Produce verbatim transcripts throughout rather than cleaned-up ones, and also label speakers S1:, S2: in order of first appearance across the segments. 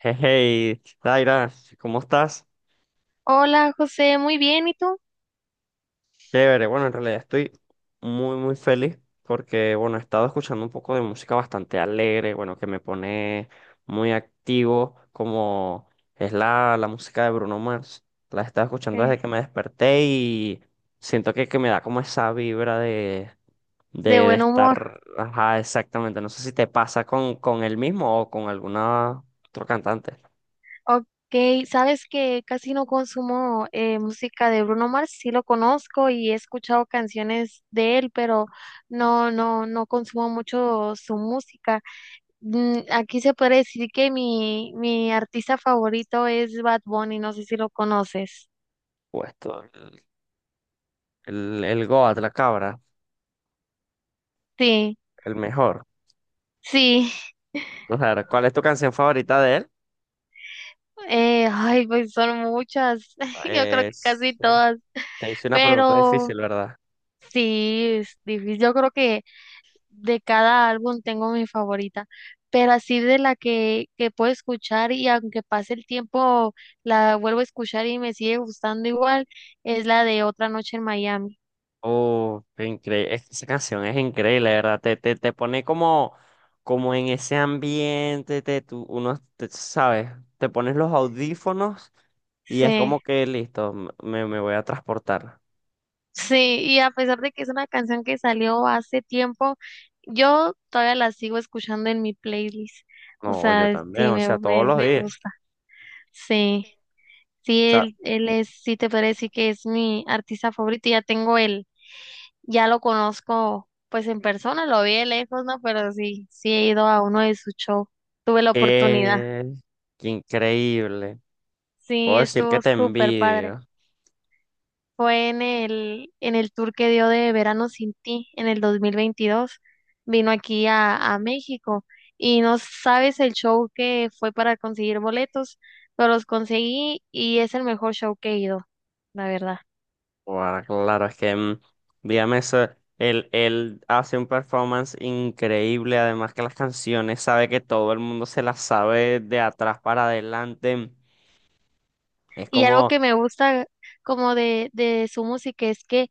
S1: Hey, hey, Daira, ¿cómo estás?
S2: Hola José, muy bien, ¿y tú?
S1: Chévere, bueno, en realidad estoy muy, muy feliz porque, bueno, he estado escuchando un poco de música bastante alegre, bueno, que me pone muy activo, como es la, la música de Bruno Mars. La he estado escuchando desde
S2: ¿Qué?
S1: que me desperté y siento que, que me da como esa vibra de, de,
S2: De
S1: de
S2: buen humor.
S1: estar, ajá, exactamente. No sé si te pasa con, con él mismo o con alguna otro cantante.
S2: Ok, sabes que casi no consumo eh, música de Bruno Mars, sí lo conozco y he escuchado canciones de él, pero no, no, no consumo mucho su música. Mm, Aquí se puede decir que mi, mi artista favorito es Bad Bunny, no sé si lo conoces.
S1: Puesto, el, el, el Goat, la cabra.
S2: Sí,
S1: El mejor.
S2: sí.
S1: Vamos a ver, ¿cuál es tu canción favorita de él?
S2: Eh, ay, pues son muchas, yo creo que
S1: Es-
S2: casi
S1: eh,
S2: todas,
S1: Te hice una pregunta
S2: pero...
S1: difícil, ¿verdad?
S2: Sí, es difícil. Yo creo que de cada álbum tengo mi favorita, pero así de la que, que puedo escuchar y aunque pase el tiempo la vuelvo a escuchar y me sigue gustando igual, es la de Otra Noche en Miami.
S1: Oh, increíble. Esa canción es increíble, ¿verdad? Te, te, te pone como, como en ese ambiente, te, tú, uno, te- ¿sabes? Te pones los audífonos y es
S2: Sí,
S1: como que listo, m- me, me voy a transportar.
S2: sí, y a pesar de que es una canción que salió hace tiempo, yo todavía la sigo escuchando en mi playlist. O
S1: No, yo
S2: sea,
S1: también,
S2: sí,
S1: o
S2: me,
S1: sea, todos
S2: me,
S1: los
S2: me
S1: días.
S2: gusta. Sí, sí,
S1: O sea,
S2: él, él es, sí te podría decir que es mi artista favorito y ya tengo el Ya lo conozco pues en persona, lo vi de lejos, ¿no? Pero sí, sí he ido a uno de sus shows. Tuve la oportunidad.
S1: eh, qué increíble. Puedo
S2: Sí,
S1: decir que
S2: estuvo
S1: te
S2: súper padre.
S1: envidio.
S2: Fue en el, en el tour que dio de Verano sin ti en el dos mil veintidós. Vino aquí a, a México y no sabes el show que fue para conseguir boletos, pero los conseguí y es el mejor show que he ido, la verdad.
S1: Bueno, claro, es que mm, dígame eso, él, él hace un performance increíble, además que las canciones sabe que todo el mundo se las sabe de atrás para adelante. Es
S2: Y algo
S1: como,
S2: que me gusta como de, de su música es que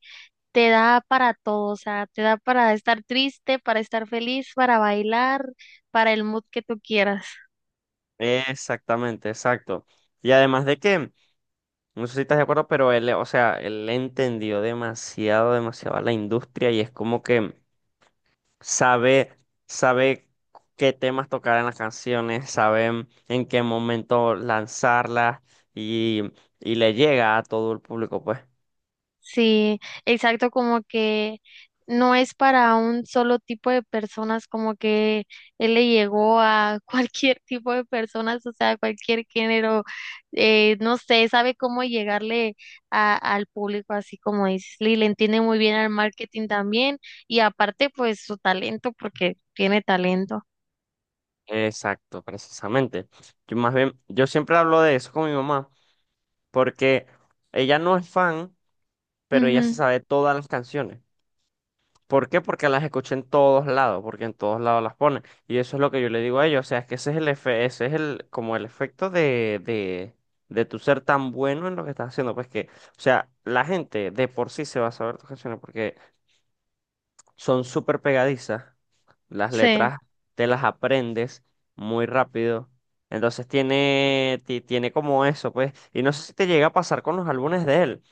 S2: te da para todo, o sea, te da para estar triste, para estar feliz, para bailar, para el mood que tú quieras.
S1: exactamente, exacto. Y además de que, no sé si estás de acuerdo, pero él, o sea, él entendió demasiado, demasiado a la industria y es como que sabe, sabe qué temas tocar en las canciones, sabe en qué momento lanzarlas y, y le llega a todo el público, pues.
S2: Sí, exacto, como que no es para un solo tipo de personas, como que él le llegó a cualquier tipo de personas, o sea, cualquier género, eh, no sé, sabe cómo llegarle a- al público, así como dices, y le entiende muy bien al marketing también, y aparte, pues su talento, porque tiene talento.
S1: Exacto, precisamente. Yo más bien, yo siempre hablo de eso con mi mamá, porque ella no es fan, pero ella se
S2: Ujú,
S1: sabe todas las canciones. ¿Por qué? Porque las escuché en todos lados, porque en todos lados las ponen. Y eso es lo que yo le digo a ellos. O sea, es que ese es el efe- ese es el, como el efecto de, de, de tu ser tan bueno en lo que estás haciendo. Pues que, o sea, la gente de por sí se va a saber tus canciones porque son súper pegadizas. Las
S2: sí.
S1: letras te las aprendes muy rápido. Entonces tiene, ti- tiene como eso, pues. Y no sé si te llega a pasar con los álbumes de él,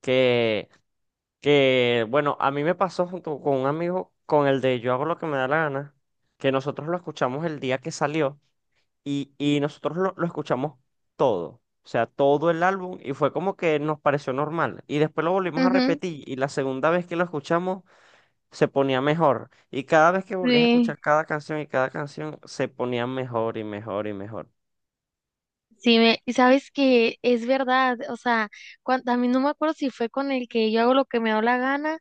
S1: que que bueno, a mí me pasó junto con un amigo con el de Yo hago lo que me da la gana, que nosotros lo escuchamos el día que salió y, y nosotros lo, lo escuchamos todo, o sea, todo el álbum y fue como que nos pareció normal. Y después lo volvimos a
S2: Ujú,
S1: repetir y la segunda vez que lo escuchamos se ponía mejor. Y cada vez que volvías a
S2: sí,
S1: escuchar cada canción y cada canción se ponía mejor y mejor y mejor.
S2: sí, me, y sabes que es verdad, o sea, cuan- a mí no me acuerdo si fue con el que yo hago lo que me da la gana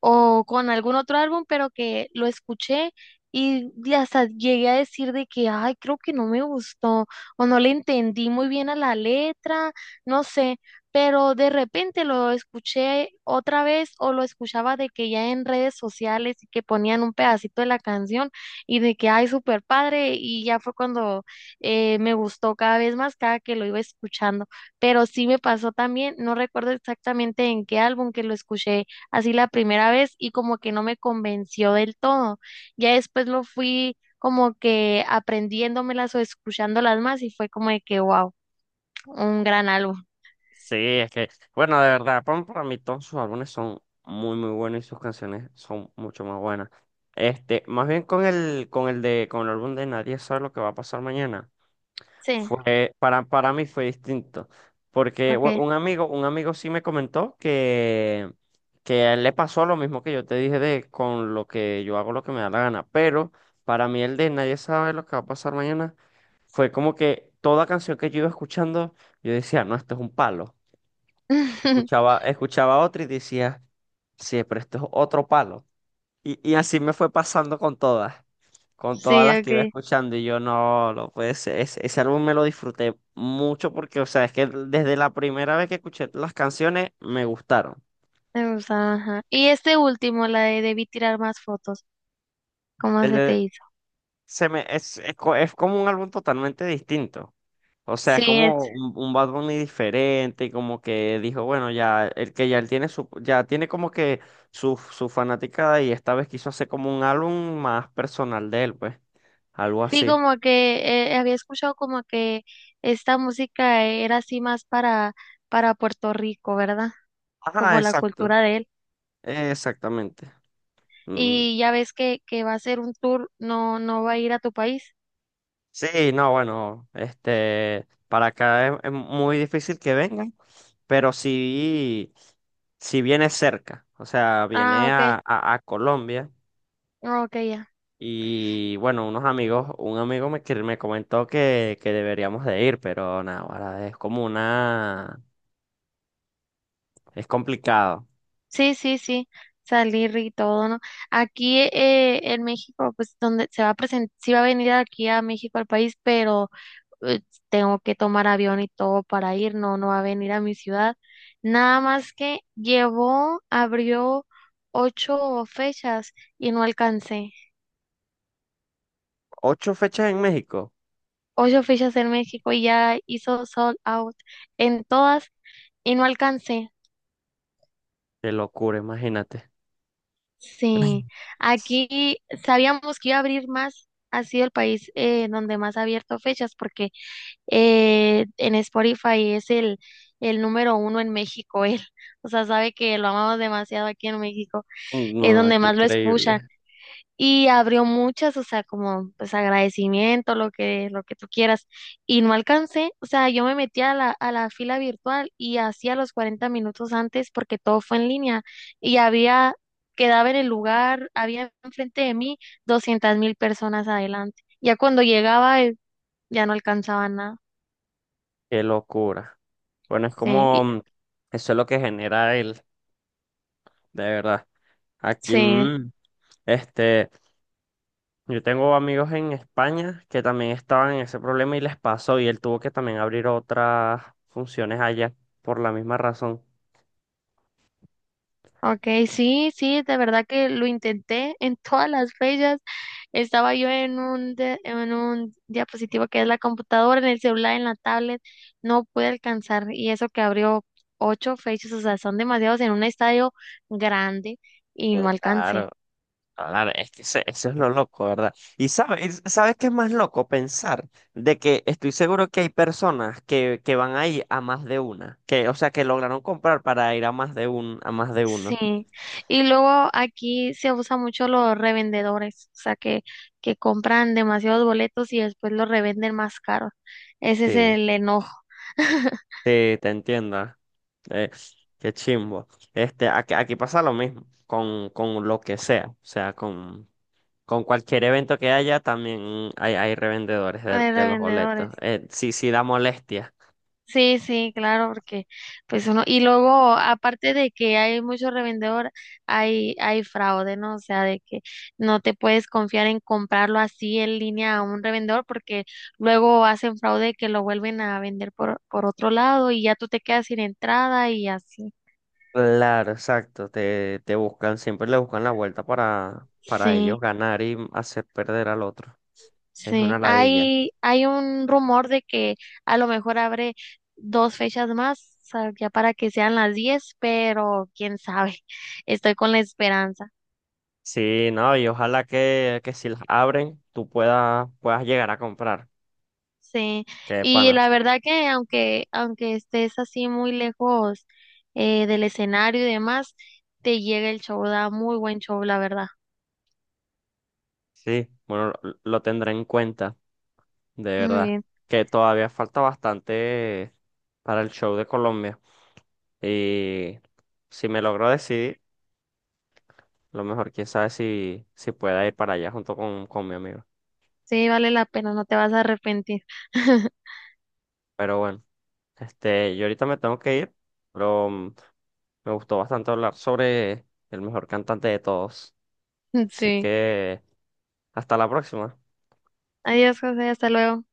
S2: o con algún otro álbum, pero que lo escuché y de- hasta llegué a decir de que, ay, creo que no me gustó o no le entendí muy bien a la letra, no sé, pero de repente lo escuché otra vez o lo escuchaba de que ya en redes sociales y que ponían un pedacito de la canción y de que, ay, súper padre y ya fue cuando eh, me gustó cada vez más cada que lo iba escuchando, pero sí me pasó también, no recuerdo exactamente en qué álbum que lo escuché así la primera vez y como que no me convenció del todo. Ya después lo fui como que aprendiéndomelas o escuchándolas más y fue como de que, wow, un gran álbum.
S1: Sí, es que, bueno, de verdad, Pon para mí todos sus álbumes son muy, muy buenos y sus canciones son mucho más buenas. Este, más bien con el, con el de, con el álbum de Nadie sabe lo que va a pasar mañana.
S2: Sí,
S1: Fue, para, para mí fue distinto. Porque bu-
S2: ok.
S1: un amigo, un amigo sí me comentó que, que a él le pasó lo mismo que yo te dije de con lo que yo hago lo que me da la gana. Pero para mí el de Nadie sabe lo que va a pasar mañana fue como que toda canción que yo iba escuchando, yo decía, no, esto es un palo. Escuchaba, escuchaba otro y decía, sí, pero esto es otro palo. Y, y así me fue pasando con todas, con
S2: Sí,
S1: todas las que iba
S2: ok.
S1: escuchando. Y yo, no, no puede ser. Ese, ese álbum me lo disfruté mucho porque, o sea, es que desde la primera vez que escuché las canciones me gustaron.
S2: Me gusta, ajá. Y este último, la de debí tirar más fotos, ¿cómo
S1: El
S2: se te
S1: de-
S2: hizo?
S1: se me, es, es, co- Es como un álbum totalmente distinto. O sea, es
S2: Sí, es,
S1: como un, un Bad Bunny diferente, y como que dijo, bueno, ya, el que ya él tiene su, ya tiene como que su, su fanaticada y esta vez quiso hacer como un álbum más personal de él, pues, algo
S2: sí,
S1: así.
S2: como que eh, había escuchado como que esta música era así más para, para Puerto Rico, ¿verdad?
S1: Ajá,
S2: Como la
S1: exacto,
S2: cultura de.
S1: exactamente. Mm.
S2: Y ya ves que, que va a ser un tour, no, no va a ir a tu país.
S1: Sí, no, bueno, este, para acá es, es muy difícil que vengan, pero si si viene cerca, o sea,
S2: Ah,
S1: viene
S2: ok,
S1: a, a, a Colombia
S2: ah, ok, ya.
S1: y bueno, unos amigos, un amigo me, que me comentó que, que deberíamos de ir, pero nada, ahora es como una, es complicado.
S2: Sí, sí, sí, salir y todo, ¿no? Aquí eh, en México, pues donde se va a presentar, sí va a venir aquí a México al país, pero eh, tengo que tomar avión y todo para ir, no, no va a venir a mi ciudad. Nada más que llevó, abrió ocho fechas y no alcancé.
S1: Ocho fechas en México,
S2: Ocho fechas en México y ya hizo sold out en todas y no alcancé.
S1: qué locura, imagínate.
S2: Sí, aquí sabíamos que iba a abrir más, ha sido el país eh, donde más ha abierto fechas, porque eh, en Spotify es el, el número uno en México, él, o sea, sabe que lo amamos demasiado aquí en México, es
S1: No,
S2: donde
S1: qué
S2: más lo escuchan,
S1: increíble,
S2: y abrió muchas, o sea, como pues agradecimiento, lo que, lo que tú quieras. Y no alcancé, o sea, yo me metí a la, a la fila virtual y hacía los cuarenta minutos antes porque todo fue en línea y había, quedaba en el lugar, había enfrente de mí doscientas mil personas adelante. Ya cuando llegaba, eh, ya no alcanzaba nada.
S1: qué locura. Bueno, es
S2: Sí,
S1: como,
S2: y-
S1: mm, eso es lo que genera él, de verdad. Aquí,
S2: sí.
S1: mm, este, yo tengo amigos en España que también estaban en ese problema y les pasó y él tuvo que también abrir otras funciones allá por la misma razón.
S2: Ok, sí, sí, de verdad que lo intenté en todas las fechas. Estaba yo en un, de- en un diapositivo que es la computadora, en el celular, en la tablet, no pude alcanzar. Y eso que abrió ocho fechas, o sea, son demasiados en un estadio grande y no alcancé.
S1: Claro, claro, es que ese- eso es lo loco, ¿verdad? Y sabes, ¿sabes qué es más loco? Pensar de que estoy seguro que hay personas que, que van ahí a más de una, que, o sea, que lograron comprar para ir a más de un, a más de uno.
S2: Sí. Y luego aquí se usa mucho los revendedores, o sea, que, que compran demasiados boletos y después los revenden más caros. Ese es
S1: Sí.
S2: el enojo
S1: Sí, te entiendo. Eh, Qué chimbo. Este, aquí, aquí pasa lo mismo con, con lo que sea. O sea, con, con cualquier evento que haya, también hay, hay revendedores de,
S2: de
S1: de los
S2: revendedores.
S1: boletos. Eh, sí, sí da molestia.
S2: Sí, sí, claro, porque pues uno, y luego aparte de que hay mucho revendedor, hay, hay fraude, ¿no? O sea, de que no te puedes confiar en comprarlo así en línea a un revendedor porque luego hacen fraude que lo vuelven a vender por, por otro lado y ya tú te quedas sin entrada y así.
S1: Claro, exacto. Te, te buscan, siempre le buscan la vuelta para, para ellos
S2: Sí,
S1: ganar y hacer perder al otro. Es una
S2: sí.
S1: ladilla.
S2: Hay, hay un rumor de que a lo mejor abre dos fechas más, o sea, ya para que sean las diez, pero quién sabe. Estoy con la esperanza.
S1: Sí, no, y ojalá que, que si las abren, tú puedas, puedas llegar a comprar.
S2: Sí,
S1: Qué
S2: y
S1: pana.
S2: la verdad que aunque, aunque estés así muy lejos eh, del escenario y demás, te llega el show, da muy buen show, la verdad.
S1: Sí, bueno, lo lo tendré en cuenta, de
S2: Muy
S1: verdad,
S2: bien,
S1: que todavía falta bastante para el show de Colombia. Y si me logro decidir, lo mejor, quién sabe si, si pueda ir para allá junto con, con mi amigo.
S2: sí, vale la pena, no te vas a arrepentir.
S1: Pero bueno, este, yo ahorita me tengo que ir, pero mm, me gustó bastante hablar sobre el mejor cantante de todos. Así
S2: Sí,
S1: que hasta la próxima.
S2: adiós, José, hasta luego.